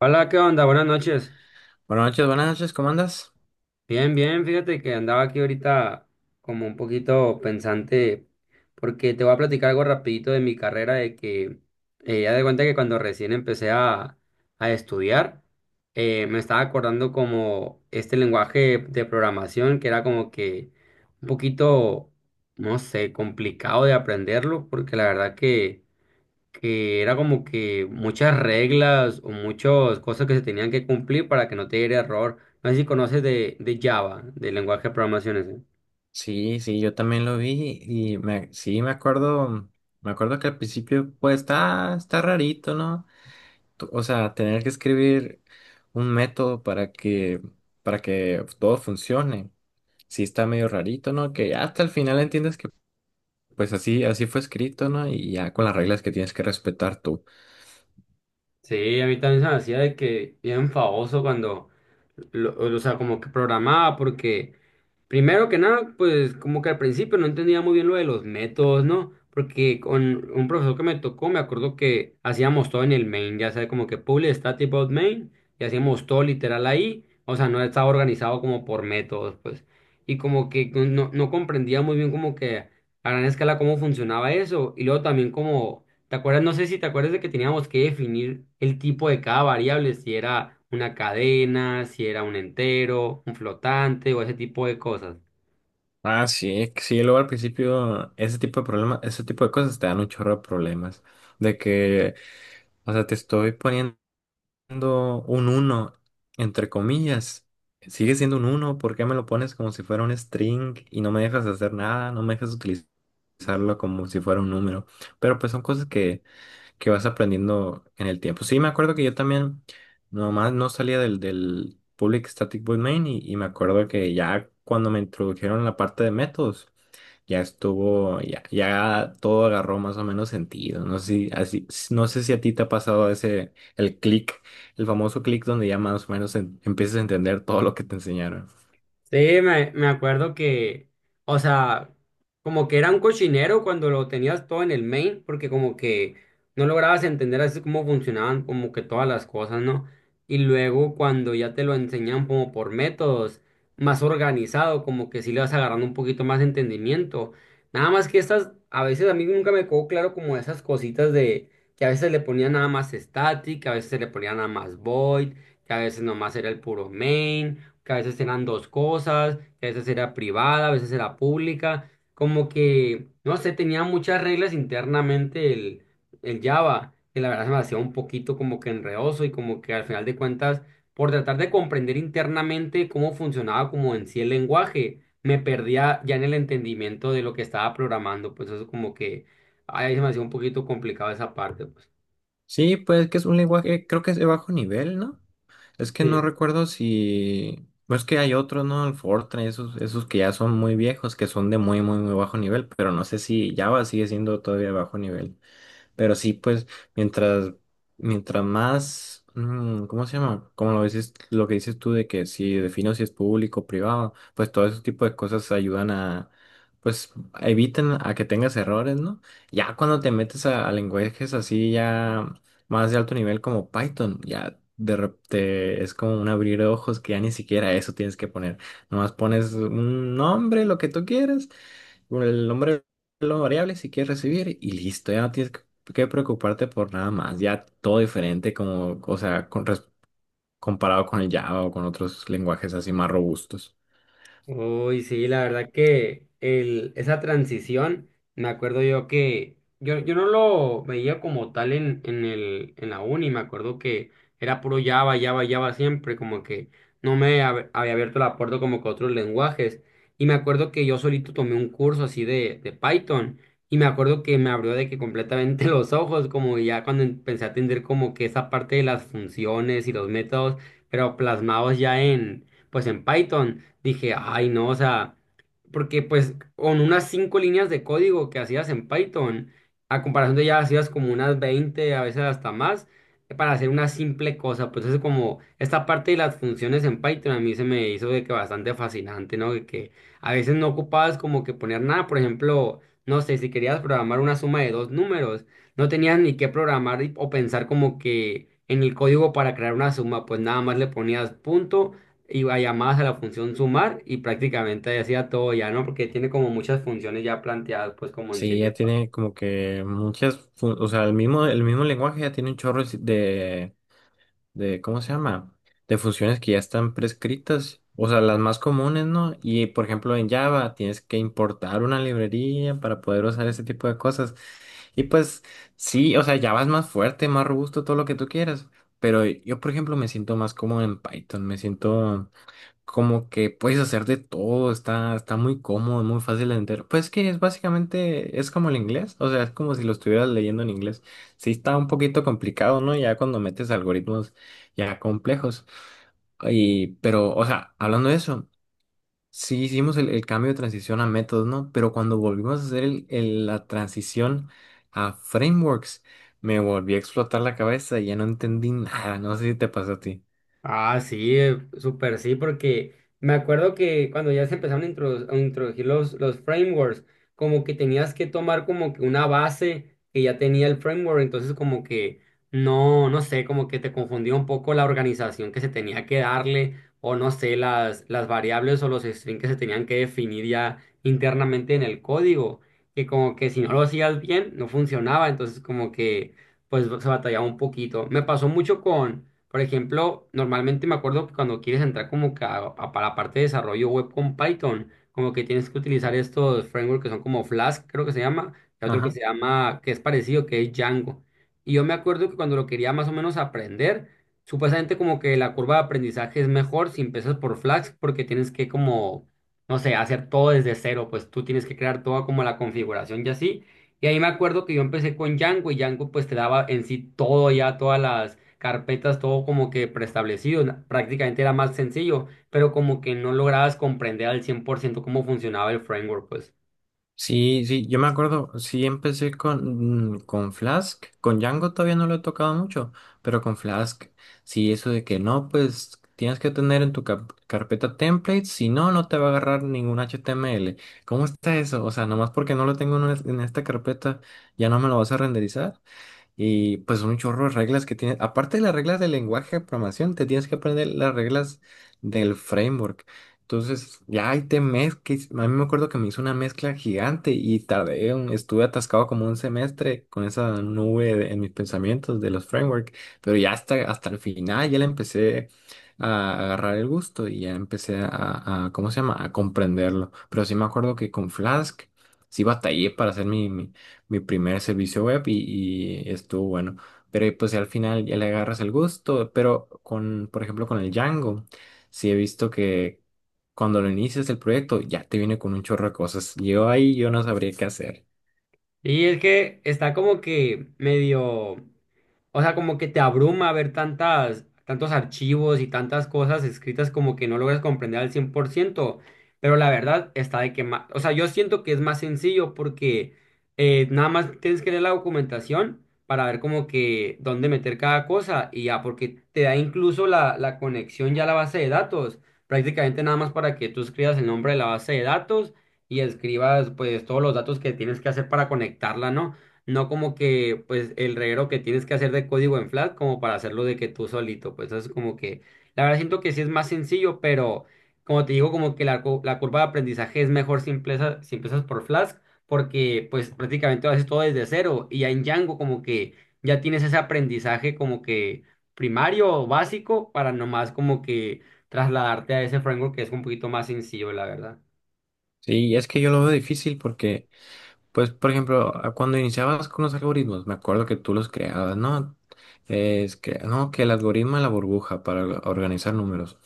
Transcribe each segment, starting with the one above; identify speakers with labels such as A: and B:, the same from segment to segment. A: Hola, ¿qué onda? Buenas noches.
B: Buenas noches, ¿cómo andas?
A: Bien, bien, fíjate que andaba aquí ahorita como un poquito pensante porque te voy a platicar algo rapidito de mi carrera de que ya de cuenta que cuando recién empecé a estudiar. Me estaba acordando como este lenguaje de programación que era como que un poquito, no sé, complicado de aprenderlo porque la verdad que era como que muchas reglas o muchas cosas que se tenían que cumplir para que no te diera error. No sé si conoces de Java, del lenguaje de programación ese.
B: Sí, sí, yo también lo vi sí, me acuerdo que al principio, pues, está rarito, ¿no? O sea, tener que escribir un método para que todo funcione, sí está medio rarito, ¿no? Que ya hasta el final entiendes que, pues, así fue escrito, ¿no? Y ya con las reglas que tienes que respetar tú.
A: Sí, a mí también se me hacía de que bien famoso cuando, o sea, como que programaba porque primero que nada, pues como que al principio no entendía muy bien lo de los métodos, ¿no? Porque con un profesor que me tocó, me acuerdo que hacíamos todo en el main, ya sabes, como que public static void main, y hacíamos todo literal ahí, o sea, no estaba organizado como por métodos, pues. Y como que no comprendía muy bien como que a gran escala cómo funcionaba eso, y luego también como, ¿te acuerdas? No sé si te acuerdas de que teníamos que definir el tipo de cada variable, si era una cadena, si era un entero, un flotante o ese tipo de cosas.
B: Ah, sí, que sí, luego al principio, ese tipo de problemas, ese tipo de cosas te dan un chorro de problemas, de que... O sea, te estoy poniendo siendo un uno entre comillas. Sigue siendo un uno, ¿por qué me lo pones como si fuera un string y no me dejas hacer nada? No me dejas utilizarlo como si fuera un número. Pero pues son que vas aprendiendo en el tiempo. Sí, me acuerdo que yo también nomás no salía del Public Static Void Main y me acuerdo que ya cuando me introdujeron la parte de métodos ya estuvo, ya todo agarró más o menos sentido. No sé si, así, no sé si a ti te ha pasado ese, el clic, el famoso clic donde ya más o menos empiezas a entender todo lo que te enseñaron.
A: Sí, me acuerdo que, o sea, como que era un cochinero cuando lo tenías todo en el main, porque como que no lograbas entender así cómo funcionaban como que todas las cosas, ¿no? Y luego cuando ya te lo enseñan como por métodos más organizado, como que sí le vas agarrando un poquito más de entendimiento. Nada más que estas, a veces a mí nunca me quedó claro como esas cositas de que a veces le ponían nada más static, que a veces le ponían nada más void, que a veces nomás era el puro main, que a veces eran dos cosas, que a veces era privada, a veces era pública, como que, no sé, tenía muchas reglas internamente el Java, que la verdad se me hacía un poquito como que enredoso y como que al final de cuentas, por tratar de comprender internamente cómo funcionaba como en sí el lenguaje, me perdía ya en el entendimiento de lo que estaba programando, pues eso como que, ay, se me hacía un poquito complicado esa parte, pues.
B: Sí, pues que es un lenguaje, creo que es de bajo nivel, ¿no? Es que no
A: Sí.
B: recuerdo si, no es que hay otros, ¿no? El Fortran, esos que ya son muy viejos, que son de muy, muy, muy bajo nivel, pero no sé si Java sigue siendo todavía de bajo nivel. Pero sí, pues, mientras, mientras más, ¿cómo se llama? Como lo dices, lo que dices tú de que si defino si es público o privado, pues todo ese tipo de cosas ayudan a, pues, evitan a que tengas errores, ¿no? Ya cuando te metes a lenguajes así ya más de alto nivel como Python, ya de repente es como un abrir ojos que ya ni siquiera eso tienes que poner. Nomás pones un nombre, lo que tú quieres, el nombre de la variable si quieres recibir y listo, ya no tienes que preocuparte por nada más, ya todo diferente, como, o sea, comparado con el Java o con otros lenguajes así más robustos.
A: Uy, sí, la verdad que el, esa transición, me acuerdo yo que yo no lo veía como tal en la uni, me acuerdo que era puro Java, Java, Java siempre, como que no había abierto la puerta como que a otros lenguajes. Y me acuerdo que yo solito tomé un curso así de Python y me acuerdo que me abrió de que completamente los ojos, como ya cuando empecé a entender como que esa parte de las funciones y los métodos, pero plasmados ya en, pues en Python. Dije, ay, no, o sea, porque pues con unas 5 líneas de código que hacías en Python, a comparación de ya hacías como unas 20 a veces hasta más, para hacer una simple cosa, pues es como esta parte de las funciones en Python a mí se me hizo de que bastante fascinante, ¿no? De que a veces no ocupabas como que poner nada, por ejemplo, no sé, si querías programar una suma de 2 números, no tenías ni que programar o pensar como que en el código para crear una suma, pues nada más le ponías punto, iba llamadas a la función sumar y prácticamente hacía todo ya, ¿no? Porque tiene como muchas funciones ya planteadas, pues como en sí
B: Sí, ya
A: mismo.
B: tiene como que muchas, o sea, el mismo lenguaje ya tiene un chorro de, ¿cómo se llama? De funciones que ya están prescritas, o sea, las más comunes, ¿no? Y por ejemplo, en Java tienes que importar una librería para poder usar ese tipo de cosas. Y pues sí, o sea, Java es más fuerte, más robusto, todo lo que tú quieras. Pero yo, por ejemplo, me siento más cómodo en Python, me siento como que puedes hacer de todo, está muy cómodo, muy fácil de entender. Pues que es básicamente, es como el inglés, o sea, es como si lo estuvieras leyendo en inglés. Sí está un poquito complicado, ¿no? Ya cuando metes algoritmos ya complejos. Y, pero, o sea, hablando de eso, sí hicimos el cambio de transición a métodos, ¿no? Pero cuando volvimos a hacer la transición a frameworks, me volví a explotar la cabeza y ya no entendí nada, no sé si te pasó a ti.
A: Ah, sí, súper sí, porque me acuerdo que cuando ya se empezaron a introducir los frameworks, como que tenías que tomar como que una base que ya tenía el framework, entonces como que no sé, como que te confundía un poco la organización que se tenía que darle, o no sé, las variables o los strings que se tenían que definir ya internamente en el código, que como que si no lo hacías bien, no funcionaba, entonces como que pues se batallaba un poquito. Me pasó mucho con, por ejemplo, normalmente me acuerdo que cuando quieres entrar como que para la parte de desarrollo web con Python, como que tienes que utilizar estos frameworks que son como Flask, creo que se llama, y otro que se llama, que es parecido, que es Django. Y yo me acuerdo que cuando lo quería más o menos aprender, supuestamente como que la curva de aprendizaje es mejor si empiezas por Flask, porque tienes que como, no sé, hacer todo desde cero, pues tú tienes que crear toda como la configuración y así. Y ahí me acuerdo que yo empecé con Django y Django pues te daba en sí todo ya, todas las carpetas, todo como que preestablecido, prácticamente era más sencillo, pero como que no lograbas comprender al 100 por ciento cómo funcionaba el framework, pues.
B: Sí, sí, yo me acuerdo, sí empecé con, mm, con Flask, con Django todavía no lo he tocado mucho, pero con Flask, sí, eso de que no, pues tienes que tener en tu carpeta templates, si no, no te va a agarrar ningún HTML. ¿Cómo está eso? O sea, nomás porque no lo tengo en esta carpeta, ¿ya no me lo vas a renderizar? Y pues un chorro de reglas que tienes. Aparte de las reglas del lenguaje de programación, te tienes que aprender las reglas del framework. Entonces, ya ahí te mezclas. A mí me acuerdo que me hizo una mezcla gigante y estuve atascado como un semestre con esa en mis pensamientos de los frameworks. Pero ya hasta el final ya le empecé a agarrar el gusto y ya empecé ¿cómo se llama? A comprenderlo. Pero sí me acuerdo que con Flask sí batallé para hacer mi primer servicio web y estuvo bueno. Pero pues al final ya le agarras el gusto, pero con, por ejemplo, con el Django, sí he visto que cuando lo inicias el proyecto ya te viene con un chorro de cosas. Yo ahí yo no sabría qué hacer.
A: Y es que está como que medio... O sea, como que te abruma ver tantos archivos y tantas cosas escritas como que no logras comprender al 100%. Pero la verdad está de que más, o sea, yo siento que es más sencillo porque nada más tienes que leer la documentación para ver como que dónde meter cada cosa y ya, porque te da incluso la conexión ya a la base de datos, prácticamente nada más para que tú escribas el nombre de la base de datos y escribas pues todos los datos que tienes que hacer para conectarla, ¿no? No como que, pues, el reguero que tienes que hacer de código en Flask como para hacerlo de que tú solito, pues, eso es como que, la verdad siento que sí es más sencillo, pero como te digo, como que la, la curva de aprendizaje es mejor si empiezas, si empiezas por Flask, porque, pues, prácticamente lo haces todo desde cero, y ya en Django como que ya tienes ese aprendizaje como que primario o básico para nomás como que trasladarte a ese framework que es un poquito más sencillo, la verdad.
B: Sí, es que yo lo veo difícil porque pues, por ejemplo, cuando iniciabas con los algoritmos, me acuerdo que tú los creabas, ¿no? Es que, no, que el algoritmo de la burbuja para organizar números.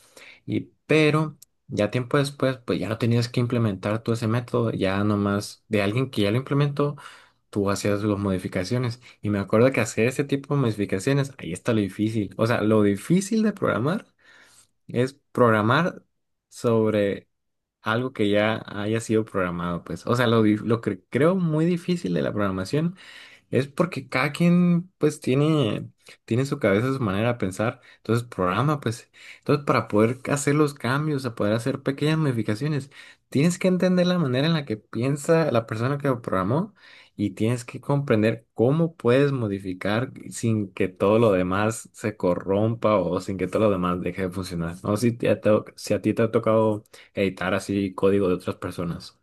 B: Y, pero, ya tiempo después, pues ya no tenías que implementar tú ese método, ya nomás de alguien que ya lo implementó, tú hacías las modificaciones. Y me acuerdo que hacer ese tipo de modificaciones, ahí está lo difícil. O sea, lo difícil de programar es programar sobre algo que ya haya sido programado, pues. O sea, lo que creo muy difícil de la programación. Es porque cada quien pues tiene su cabeza, su manera de pensar, entonces programa pues. Entonces para poder hacer los cambios, a poder hacer pequeñas modificaciones, tienes que entender la manera en la que piensa la persona que lo programó y tienes que comprender cómo puedes modificar sin que todo lo demás se corrompa o sin que todo lo demás deje de funcionar. No sé si a ti te ha tocado editar así código de otras personas.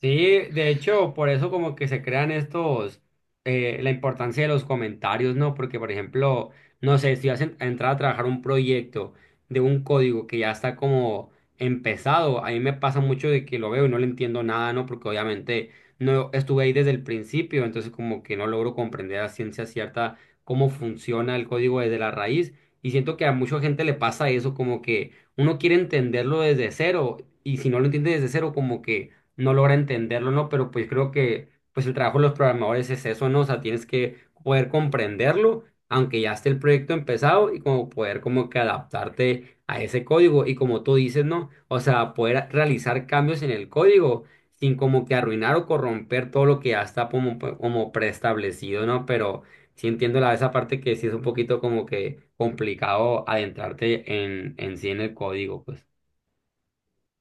A: Sí, de hecho, por eso como que se crean estos, la importancia de los comentarios, ¿no? Porque, por ejemplo, no sé, si vas a a entrar a trabajar un proyecto de un código que ya está como empezado, a mí me pasa mucho de que lo veo y no le entiendo nada, ¿no? Porque obviamente no estuve ahí desde el principio, entonces como que no logro comprender a ciencia cierta cómo funciona el código desde la raíz. Y siento que a mucha gente le pasa eso, como que uno quiere entenderlo desde cero, y si no lo entiende desde cero, como que no logra entenderlo, ¿no? Pero pues creo que pues el trabajo de los programadores es eso, ¿no? O sea, tienes que poder comprenderlo, aunque ya esté el proyecto empezado, y como poder como que adaptarte a ese código. Y como tú dices, ¿no? O sea, poder realizar cambios en el código sin como que arruinar o corromper todo lo que ya está como, como preestablecido, ¿no? Pero sí entiendo la, esa parte que sí es un poquito como que complicado adentrarte en sí en el código, pues.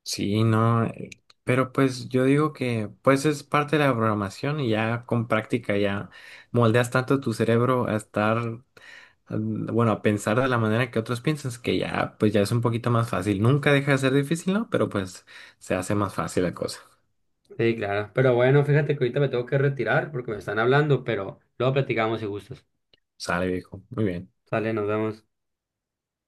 B: Sí, no, pero pues yo digo que pues es parte de la programación y ya con práctica ya moldeas tanto tu cerebro a a pensar de la manera que otros piensan, que ya pues ya es un poquito más fácil. Nunca deja de ser difícil, ¿no? Pero pues se hace más fácil la cosa.
A: Sí, claro. Pero bueno, fíjate que ahorita me tengo que retirar porque me están hablando, pero luego platicamos si gustas.
B: Sale, viejo. Muy bien.
A: Sale, nos vemos.